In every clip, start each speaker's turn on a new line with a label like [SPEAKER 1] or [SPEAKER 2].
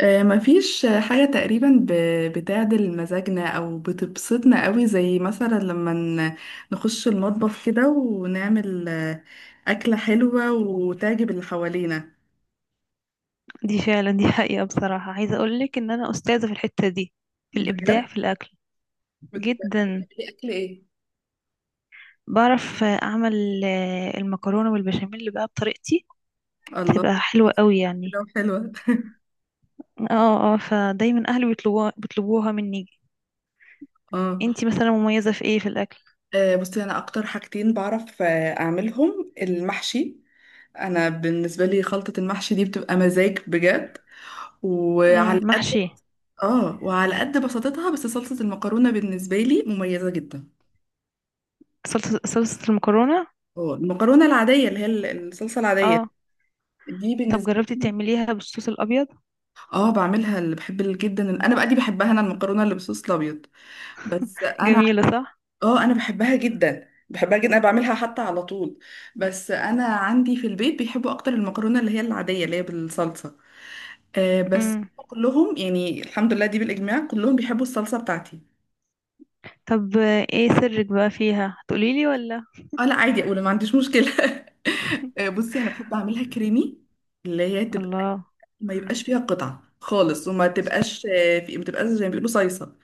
[SPEAKER 1] مفيش حاجة تقريبا بتعدل مزاجنا أو بتبسطنا قوي زي مثلا لما نخش المطبخ كده ونعمل أكلة حلوة وتعجب اللي حوالينا
[SPEAKER 2] دي فعلا، دي حقيقة. بصراحة عايزة أقولك إن أنا أستاذة في الحتة دي، في الإبداع
[SPEAKER 1] بجد.
[SPEAKER 2] في الأكل.
[SPEAKER 1] بتعملي
[SPEAKER 2] جدا.
[SPEAKER 1] أكل إيه؟
[SPEAKER 2] بعرف أعمل المكرونة والبشاميل بقى بطريقتي،
[SPEAKER 1] الله،
[SPEAKER 2] تبقى حلوة قوي يعني.
[SPEAKER 1] كده وحلوة.
[SPEAKER 2] اه، اه، فدايما أهلي بيطلبوها مني.
[SPEAKER 1] اه.
[SPEAKER 2] انتي مثلا مميزة في ايه في الأكل؟
[SPEAKER 1] بصي أنا أكتر حاجتين بعرف أعملهم المحشي. أنا بالنسبة لي خلطة المحشي دي بتبقى مزاج بجد،
[SPEAKER 2] مم.
[SPEAKER 1] وعلى.
[SPEAKER 2] محشي.
[SPEAKER 1] اه وعلى قد بساطتها، بس صلصة المكرونة بالنسبة لي مميزة جدا.
[SPEAKER 2] صلصة، صلصة المكرونة.
[SPEAKER 1] اه المكرونة العادية اللي هي الصلصة العادية
[SPEAKER 2] اه.
[SPEAKER 1] دي
[SPEAKER 2] طب
[SPEAKER 1] بالنسبة
[SPEAKER 2] جربتي
[SPEAKER 1] لي.
[SPEAKER 2] تعمليها بالصوص الأبيض؟
[SPEAKER 1] اه بعملها، اللي بحب انا بقى دي بحبها انا، المكرونة اللي بالصوص الابيض. بس انا.
[SPEAKER 2] جميلة، صح؟
[SPEAKER 1] اه انا بحبها جدا، بحبها جدا، انا بعملها حتى على طول. بس انا عندي في البيت بيحبوا اكتر المكرونة اللي هي العادية اللي هي بالصلصة. آه بس
[SPEAKER 2] مم.
[SPEAKER 1] كلهم يعني الحمد لله دي بالاجماع كلهم بيحبوا الصلصة بتاعتي.
[SPEAKER 2] طب، ايه سرك بقى فيها؟ تقوليلي ولا؟
[SPEAKER 1] اه لا عادي اقول، ما عنديش مشكله. بصي انا بحب اعملها كريمي، اللي هي تبقى
[SPEAKER 2] الله.
[SPEAKER 1] ما يبقاش فيها قطع خالص، وما تبقاش آه، في ما تبقاش زي ما بيقولوا صيصه.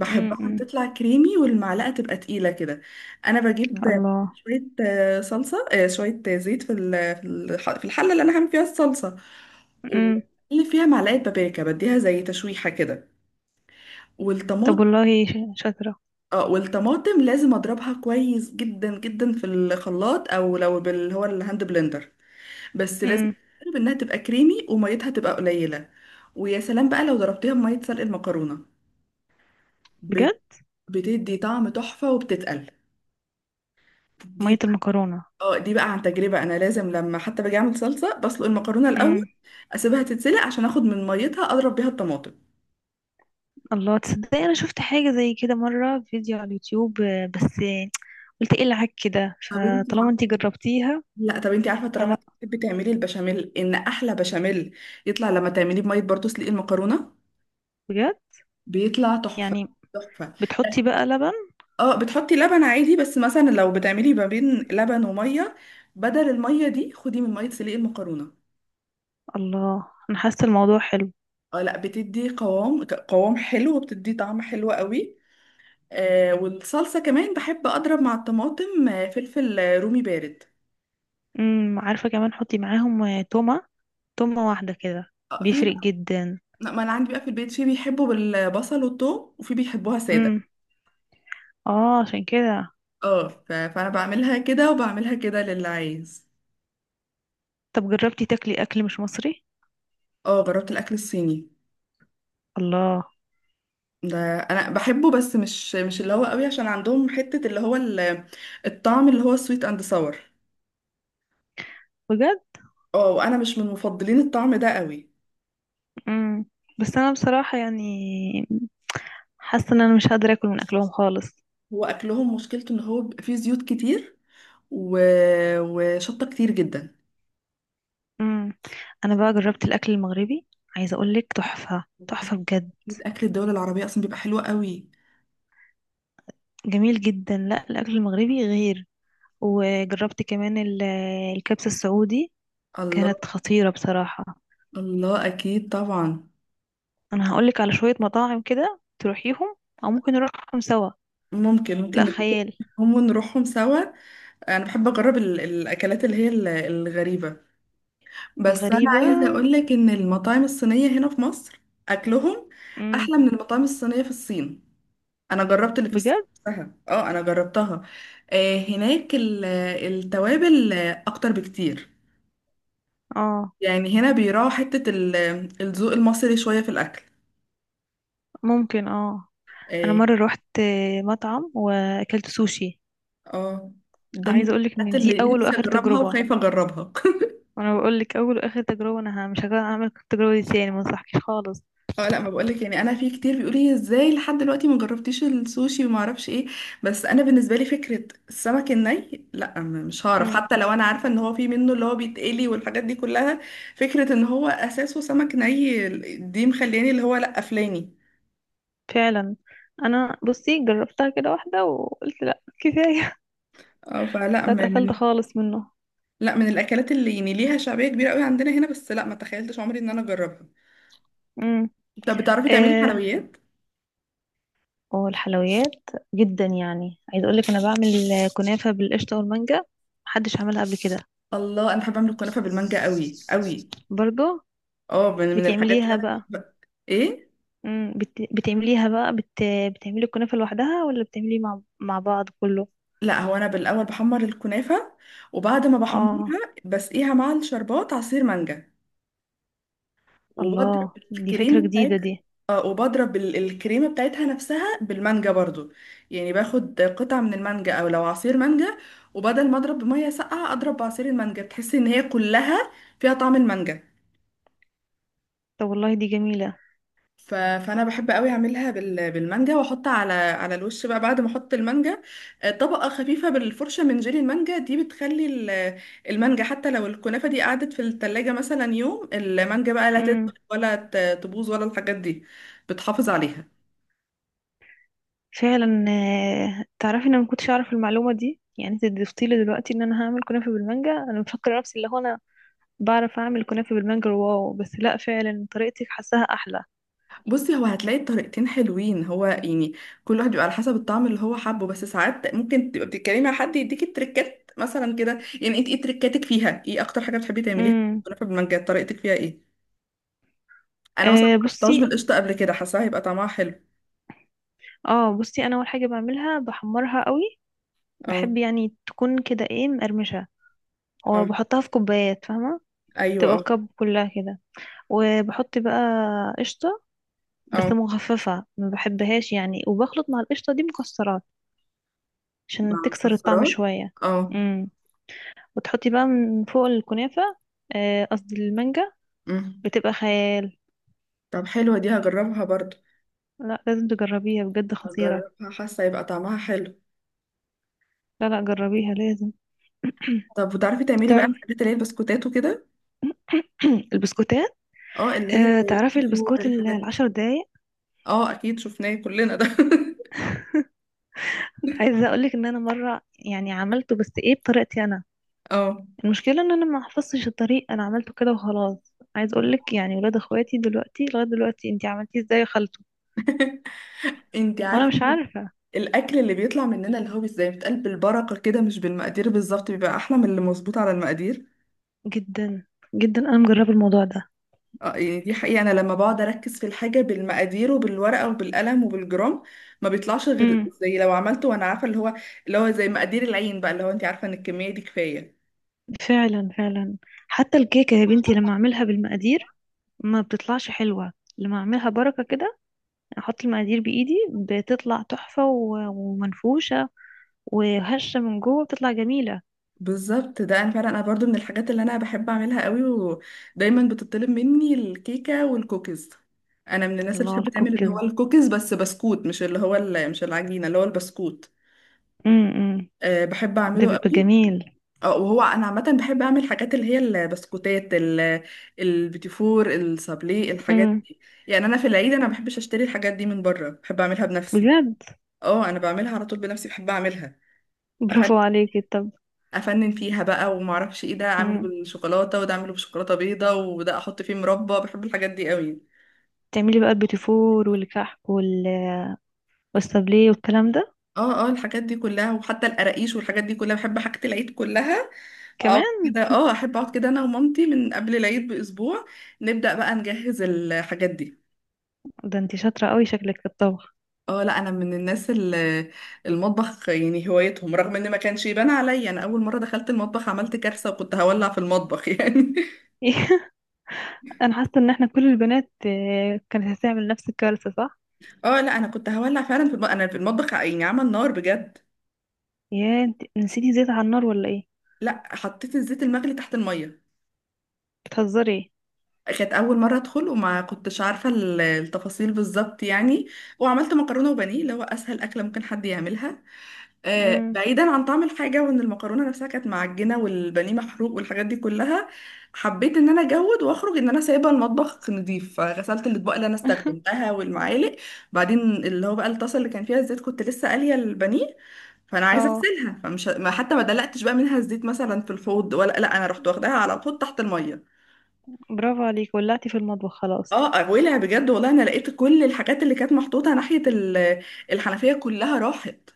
[SPEAKER 2] مم. مم.
[SPEAKER 1] تطلع كريمي والمعلقه تبقى تقيله كده. انا بجيب
[SPEAKER 2] الله.
[SPEAKER 1] شويه صلصه، شويه زيت في في الحله اللي انا هعمل فيها الصلصه،
[SPEAKER 2] امم.
[SPEAKER 1] واللي فيها معلقه بابريكا بديها زي تشويحه كده.
[SPEAKER 2] طب
[SPEAKER 1] والطماطم.
[SPEAKER 2] والله، شاطرة.
[SPEAKER 1] اه والطماطم لازم اضربها كويس جدا جدا في الخلاط، او لو بال، هو الهاند بلندر. بس لازم
[SPEAKER 2] امم.
[SPEAKER 1] تجرب انها تبقى كريمي وميتها تبقى قليله. ويا سلام بقى لو ضربتيها بميه سلق المكرونه.
[SPEAKER 2] بجد؟
[SPEAKER 1] بت- بتدي طعم تحفه وبتتقل دي.
[SPEAKER 2] مية المكرونة؟
[SPEAKER 1] اه دي بقى عن تجربه، انا لازم لما حتى باجي اعمل صلصه بسلق المكرونه الاول،
[SPEAKER 2] امم.
[SPEAKER 1] اسيبها تتسلق عشان اخد من ميتها اضرب بيها الطماطم.
[SPEAKER 2] الله، تصدق انا شفت حاجة زي كده مرة في فيديو على اليوتيوب، بس قلت ايه العك كده.
[SPEAKER 1] طب انت
[SPEAKER 2] فطالما انتي
[SPEAKER 1] عارفه،
[SPEAKER 2] جربتيها،
[SPEAKER 1] لا طب انت عارفه طالما
[SPEAKER 2] فلا
[SPEAKER 1] بتحبي تعملي البشاميل، ان احلى بشاميل يطلع لما تعمليه بميه برضه سلق المكرونه،
[SPEAKER 2] بجد
[SPEAKER 1] بيطلع تحفه
[SPEAKER 2] يعني.
[SPEAKER 1] تحفه.
[SPEAKER 2] بتحطي بقى لبن؟
[SPEAKER 1] اه بتحطي لبن عادي، بس مثلا لو بتعملي ما بين لبن وميه، بدل الميه دي خدي من ميه سليق المكرونه.
[SPEAKER 2] الله، انا حاسة الموضوع حلو.
[SPEAKER 1] اه لا بتدي قوام، قوام حلو، وبتدي طعم حلو قوي. آه والصلصه كمان بحب اضرب مع الطماطم فلفل رومي بارد.
[SPEAKER 2] امم، عارفة، كمان حطي معاهم تومة، تومة واحدة كده،
[SPEAKER 1] اه في
[SPEAKER 2] بيفرق
[SPEAKER 1] بقى.
[SPEAKER 2] جدا.
[SPEAKER 1] لا، ما انا عندي بقى في البيت في بيحبوا بالبصل والثوم وفي بيحبوها ساده.
[SPEAKER 2] امم. اه، عشان كده.
[SPEAKER 1] اه فانا بعملها كده وبعملها كده للي عايز.
[SPEAKER 2] طب جربتي تاكلي اكل مش مصري؟
[SPEAKER 1] اه جربت الاكل الصيني،
[SPEAKER 2] الله.
[SPEAKER 1] ده انا بحبه، بس مش مش اللي هو قوي، عشان عندهم حتة اللي هو الطعم اللي هو سويت اند ساور.
[SPEAKER 2] بجد.
[SPEAKER 1] اه وانا مش من مفضلين الطعم ده قوي.
[SPEAKER 2] امم. بس انا بصراحة يعني حاسة ان انا مش قادرة اكل من اكلهم خالص.
[SPEAKER 1] هو اكلهم مشكلته ان هو بيبقى فيه زيوت كتير، و... وشطة كتير جدا.
[SPEAKER 2] امم. انا بقى جربت الاكل المغربي، عايزة اقولك تحفة تحفة
[SPEAKER 1] اكيد،
[SPEAKER 2] بجد.
[SPEAKER 1] أكيد اكل الدول العربية اصلا بيبقى حلو قوي.
[SPEAKER 2] جميل جدا، لا الاكل المغربي غير. وجربت كمان الكبسة السعودي،
[SPEAKER 1] الله.
[SPEAKER 2] كانت خطيرة بصراحة.
[SPEAKER 1] الله اكيد طبعا.
[SPEAKER 2] انا هقولك على شوية مطاعم كده تروحيهم، او ممكن نروحهم سوا.
[SPEAKER 1] ممكن ممكن
[SPEAKER 2] لا
[SPEAKER 1] نتفق،
[SPEAKER 2] خيال.
[SPEAKER 1] هم ونروحهم سوا. انا بحب اجرب ال... الاكلات اللي هي الغريبة. بس انا
[SPEAKER 2] الغريبة.
[SPEAKER 1] عايزه اقول لك ان المطاعم الصينيه هنا في مصر اكلهم
[SPEAKER 2] امم.
[SPEAKER 1] احلى من المطاعم الصينيه في الصين. انا جربت اللي في الصين
[SPEAKER 2] بجد.
[SPEAKER 1] نفسها. اه انا جربتها. آه هناك التوابل اكتر بكتير.
[SPEAKER 2] اه.
[SPEAKER 1] يعني هنا بيراعوا حته الذوق المصري شويه في الاكل.
[SPEAKER 2] ممكن. اه. انا
[SPEAKER 1] اه.
[SPEAKER 2] مرة روحت مطعم واكلت سوشي،
[SPEAKER 1] آه، ده من
[SPEAKER 2] عايزه اقولك
[SPEAKER 1] الحاجات
[SPEAKER 2] ان دي
[SPEAKER 1] اللي
[SPEAKER 2] اول
[SPEAKER 1] نفسي
[SPEAKER 2] واخر
[SPEAKER 1] اجربها
[SPEAKER 2] تجربه.
[SPEAKER 1] وخايفه اجربها.
[SPEAKER 2] وانا بقولك، اول واخر تجربه، انا مش هعمل التجربه دي تاني، ما انصحكش خالص.
[SPEAKER 1] اه لا ما بقولك، يعني انا في كتير بيقولوا لي ازاي لحد دلوقتي ما جربتيش السوشي وما اعرفش ايه. بس انا بالنسبه لي فكره السمك الني، لا مش هعرف،
[SPEAKER 2] امم.
[SPEAKER 1] حتى لو انا عارفه ان هو في منه اللي هو بيتقلي والحاجات دي كلها. فكره ان هو اساسه سمك ني دي مخلياني اللي هو لا قفلاني.
[SPEAKER 2] فعلا. انا بصي جربتها كده واحده وقلت لا كفايه.
[SPEAKER 1] اه فلا م-
[SPEAKER 2] فاتقفلت
[SPEAKER 1] من
[SPEAKER 2] خالص منه.
[SPEAKER 1] لا من الاكلات اللي يعني ليها شعبيه كبيره قوي عندنا هنا، بس لا ما تخيلتش عمري ان انا اجربها.
[SPEAKER 2] امم.
[SPEAKER 1] طب بتعرفي تعملي
[SPEAKER 2] آه
[SPEAKER 1] حلويات؟
[SPEAKER 2] والحلويات، جدا يعني. عايزه اقولك انا بعمل كنافه بالقشطه والمانجا، محدش عملها قبل كده.
[SPEAKER 1] الله انا بحب اعمل الكنافه بالمانجا قوي قوي.
[SPEAKER 2] برضو.
[SPEAKER 1] اه من من الحاجات اللي
[SPEAKER 2] بتعمليها
[SPEAKER 1] انا
[SPEAKER 2] بقى؟
[SPEAKER 1] بحبها. ايه؟
[SPEAKER 2] امم. بتعمليها بقى، بتعملي الكنافه لوحدها، ولا بتعملي مع بعض كله؟
[SPEAKER 1] لا هو انا بالاول بحمر الكنافه، وبعد ما
[SPEAKER 2] اه.
[SPEAKER 1] بحمرها بسقيها مع الشربات عصير مانجا، وبضرب
[SPEAKER 2] الله، دي فكرة
[SPEAKER 1] الكريمه
[SPEAKER 2] جديدة
[SPEAKER 1] بتاعتها.
[SPEAKER 2] دي.
[SPEAKER 1] اه وبضرب الكريمه بتاعتها نفسها بالمانجا برضو. يعني باخد قطعه من المانجا او لو عصير مانجا، وبدل ما اضرب بميه ساقعه اضرب بعصير المانجا، بتحسي ان هي كلها فيها طعم المانجا.
[SPEAKER 2] طب والله، دي جميلة.
[SPEAKER 1] ف... فانا بحب قوي اعملها بال... بالمانجا، واحط على على الوش بقى بعد ما احط المانجا طبقه خفيفه بالفرشه من جيلي المانجا، دي بتخلي المانجا حتى لو الكنافه دي قعدت في التلاجة مثلا يوم، المانجا بقى لا تدبل
[SPEAKER 2] امم.
[SPEAKER 1] ولا تبوظ ولا الحاجات دي، بتحافظ عليها.
[SPEAKER 2] فعلا. تعرفي ان انا ما كنتش اعرف المعلومة دي؟ يعني انت ضفتي لي دلوقتي ان انا هعمل كنافة بالمانجا. انا مفكرة نفسي اللي هو انا بعرف اعمل كنافة بالمانجا، واو. بس لا، فعلا طريقتك حاساها احلى.
[SPEAKER 1] بصي هو هتلاقي الطريقتين حلوين، هو يعني كل واحد بيبقى على حسب الطعم اللي هو حابه، بس ساعات ممكن تبقى بتتكلمي مع حد يديكي تريكات مثلا كده، يعني انت ايه تريكاتك فيها، ايه اكتر حاجه بتحبي تعمليها؟
[SPEAKER 2] امم.
[SPEAKER 1] كنافه بالمانجا طريقتك فيها ايه؟ انا مثلا ما
[SPEAKER 2] آه
[SPEAKER 1] جربتهاش
[SPEAKER 2] بصي
[SPEAKER 1] بالقشطه قبل كده، حاساها هيبقى طعمها حلو.
[SPEAKER 2] اه بصي انا اول حاجة بعملها بحمرها قوي،
[SPEAKER 1] اه
[SPEAKER 2] بحب يعني تكون كده ايه، مقرمشة.
[SPEAKER 1] اه.
[SPEAKER 2] وبحطها في كوبايات، فاهمة؟
[SPEAKER 1] ايوه
[SPEAKER 2] تبقى
[SPEAKER 1] اه.
[SPEAKER 2] الكب كلها كده. وبحط بقى قشطة، بس
[SPEAKER 1] اه
[SPEAKER 2] مخففة، ما بحبهاش يعني. وبخلط مع القشطة دي مكسرات،
[SPEAKER 1] مع
[SPEAKER 2] عشان تكسر الطعم
[SPEAKER 1] مكسرات.
[SPEAKER 2] شوية.
[SPEAKER 1] اه.
[SPEAKER 2] امم. وتحطي بقى من فوق الكنافة قصدي المانجا،
[SPEAKER 1] أمم.
[SPEAKER 2] بتبقى خيال.
[SPEAKER 1] طب حلوه دي، هجربها برضو.
[SPEAKER 2] لا لازم تجربيها بجد، خطيرة.
[SPEAKER 1] هجربها حاسه هيبقى طعمها حلو.
[SPEAKER 2] لا، لا، جربيها لازم.
[SPEAKER 1] طب وتعرفي تعملي بقى
[SPEAKER 2] تعرفي،
[SPEAKER 1] الحاجات اللي هي البسكوتات وكده؟
[SPEAKER 2] البسكوتات،
[SPEAKER 1] اه اللي هي زي
[SPEAKER 2] تعرفي
[SPEAKER 1] الكيسور
[SPEAKER 2] البسكوت
[SPEAKER 1] الحاجات دي.
[SPEAKER 2] العشر دقايق.
[SPEAKER 1] اه اكيد شفناه كلنا ده.
[SPEAKER 2] عايزة اقولك ان انا مرة يعني عملته، بس ايه، بطريقتي انا.
[SPEAKER 1] اه
[SPEAKER 2] المشكلة ان انا ما حفظتش الطريق، انا عملته كده وخلاص. عايز اقولك يعني ولاد اخواتي دلوقتي لغاية دلوقتي: انتي عملتيه ازاي؟
[SPEAKER 1] انتي
[SPEAKER 2] وانا
[SPEAKER 1] عارفه
[SPEAKER 2] مش عارفة.
[SPEAKER 1] الاكل اللي بيطلع مننا اللي هو زي بيتقال بالبركه كده مش بالمقادير بالظبط، بيبقى احلى من اللي مظبوط على المقادير.
[SPEAKER 2] جدا جدا، انا مجربه الموضوع ده.
[SPEAKER 1] اه يعني دي حقيقة، أنا لما بقعد أركز في الحاجة بالمقادير وبالورقة وبالقلم وبالجرام، ما بيطلعش غير
[SPEAKER 2] امم.
[SPEAKER 1] زي لو عملته وأنا عارفة اللي هو، اللي هو زي مقادير العين بقى اللي هو أنت عارفة إن الكمية دي كفاية.
[SPEAKER 2] فعلا، فعلا. حتى الكيكه يا بنتي، لما اعملها بالمقادير ما بتطلعش حلوه، لما اعملها بركه كده، احط المقادير بايدي، بتطلع تحفه ومنفوشه وهشه من جوه، بتطلع جميله.
[SPEAKER 1] بالظبط، ده أنا فعلا أنا برضو من الحاجات اللي أنا بحب أعملها قوي، ودايما بتطلب مني الكيكة والكوكيز. أنا من الناس اللي
[SPEAKER 2] الله،
[SPEAKER 1] بتحب تعمل اللي هو
[SPEAKER 2] الكوكيز.
[SPEAKER 1] الكوكيز، بس بسكوت مش اللي هو مش العجينة اللي هو البسكوت.
[SPEAKER 2] امم.
[SPEAKER 1] أه بحب
[SPEAKER 2] ده
[SPEAKER 1] أعمله
[SPEAKER 2] بيبقى
[SPEAKER 1] قوي.
[SPEAKER 2] جميل.
[SPEAKER 1] اه وهو انا عامه بحب اعمل حاجات اللي هي البسكوتات البيتيفور السابلي الحاجات
[SPEAKER 2] امم.
[SPEAKER 1] دي. يعني انا في العيد انا ما بحبش اشتري الحاجات دي من بره، بحب اعملها بنفسي.
[SPEAKER 2] بجد،
[SPEAKER 1] اه انا بعملها على طول بنفسي بحب اعملها. افنن،
[SPEAKER 2] برافو عليكي. طب.
[SPEAKER 1] افنن فيها بقى وما اعرفش ايه، ده اعمله
[SPEAKER 2] امم.
[SPEAKER 1] بالشوكولاته، وده اعمله بشوكولاته بيضه، وده احط فيه مربى. بحب الحاجات دي قوي.
[SPEAKER 2] تعملي بقى البيتيفور والكحك والسابليه والكلام ده
[SPEAKER 1] اه اه الحاجات دي كلها، وحتى القراقيش والحاجات دي كلها، بحب حاجه العيد كلها. اقعد
[SPEAKER 2] كمان.
[SPEAKER 1] كده، اه احب اقعد كده انا ومامتي من قبل العيد باسبوع، نبدا بقى نجهز الحاجات دي.
[SPEAKER 2] ده انتي شاطره قوي شكلك في الطبخ.
[SPEAKER 1] اه لا انا من الناس اللي المطبخ يعني هوايتهم، رغم ان ما كانش يبان عليا، انا اول مره دخلت المطبخ عملت كارثه، وكنت هولع في المطبخ يعني.
[SPEAKER 2] انا حاسه ان احنا كل البنات كانت هتعمل نفس الكارثه، صح؟
[SPEAKER 1] اه لا انا كنت هولع فعلا في المطبخ، انا في المطبخ يعني عمل نار بجد.
[SPEAKER 2] يا انت نسيتي زيت على النار ولا ايه؟
[SPEAKER 1] لا حطيت الزيت المغلي تحت الميه.
[SPEAKER 2] بتهزري ايه؟
[SPEAKER 1] كانت اول مره ادخل وما كنتش عارفه التفاصيل بالظبط يعني، وعملت مكرونه وبانيه اللي هو اسهل اكله ممكن حد يعملها.
[SPEAKER 2] امم.
[SPEAKER 1] بعيدا عن طعم الحاجة وان المكرونة نفسها كانت معجنة والبانيه محروق والحاجات دي كلها، حبيت ان انا اجود واخرج ان انا سايبة المطبخ نظيف، فغسلت الاطباق اللي انا استخدمتها والمعالق. بعدين اللي هو بقى الطاسة اللي كان فيها الزيت، كنت لسه قالية البانيه، فانا عايزة
[SPEAKER 2] اه،
[SPEAKER 1] اغسلها، فمش حتى ما دلقتش بقى منها الزيت مثلا في الحوض ولا لا، انا رحت واخداها على طول تحت المية.
[SPEAKER 2] برافو عليك، ولعتي في المطبخ خلاص.
[SPEAKER 1] اه ولع بجد والله، انا لقيت كل الحاجات اللي كانت محطوطة ناحية الحنفية كلها راحت.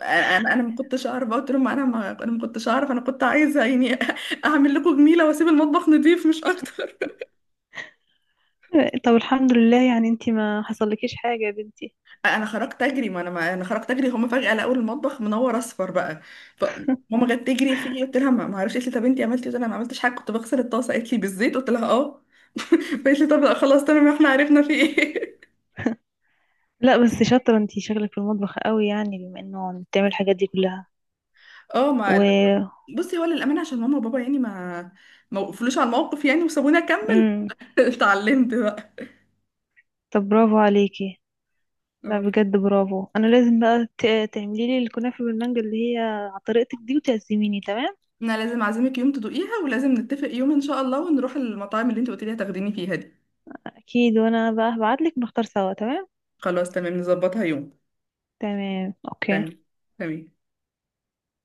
[SPEAKER 1] انا انا ما كنتش اعرف، قلت لهم انا ما انا ما كنتش اعرف، انا كنت عايزه يعني اعمل لكم جميله واسيب المطبخ نضيف مش اكتر.
[SPEAKER 2] طب الحمد لله يعني، انت ما حصلكيش حاجه يا بنتي.
[SPEAKER 1] انا خرجت اجري، ما انا ما انا خرجت اجري، هم فجاه لقوا المطبخ منور اصفر بقى. فماما جت تجري فيه، قلت لها ما ما اعرفش، قالت لي طب انت عملتي إيه؟ قلت لها ما عملتش حاجه كنت بغسل الطاسه، قالت لي بالزيت؟ قلت لها اه. قالت لي طب لا خلاص تمام احنا عرفنا في ايه.
[SPEAKER 2] لا بس شاطره انت، شغلك في المطبخ قوي يعني، بما انه بتعمل الحاجات دي كلها.
[SPEAKER 1] اه ما
[SPEAKER 2] و.
[SPEAKER 1] بصي هو للامانه عشان ماما وبابا يعني ما، ما وقفلوش على الموقف يعني وسابوني اكمل.
[SPEAKER 2] امم.
[SPEAKER 1] اتعلمت بقى.
[SPEAKER 2] طب برافو عليكي. لا
[SPEAKER 1] آه.
[SPEAKER 2] بجد برافو، انا لازم بقى تعملي لي الكنافه بالمانجا اللي هي على طريقتك دي، وتعزميني. تمام؟
[SPEAKER 1] انا لازم اعزمك يوم تدوقيها، ولازم نتفق يوم ان شاء الله ونروح المطاعم اللي انت قلت لي هتاخديني فيها دي.
[SPEAKER 2] اكيد، وانا بقى هبعتلك نختار سوا. تمام.
[SPEAKER 1] خلاص تمام نظبطها يوم.
[SPEAKER 2] تمام. اوكي.
[SPEAKER 1] تمام. تمام.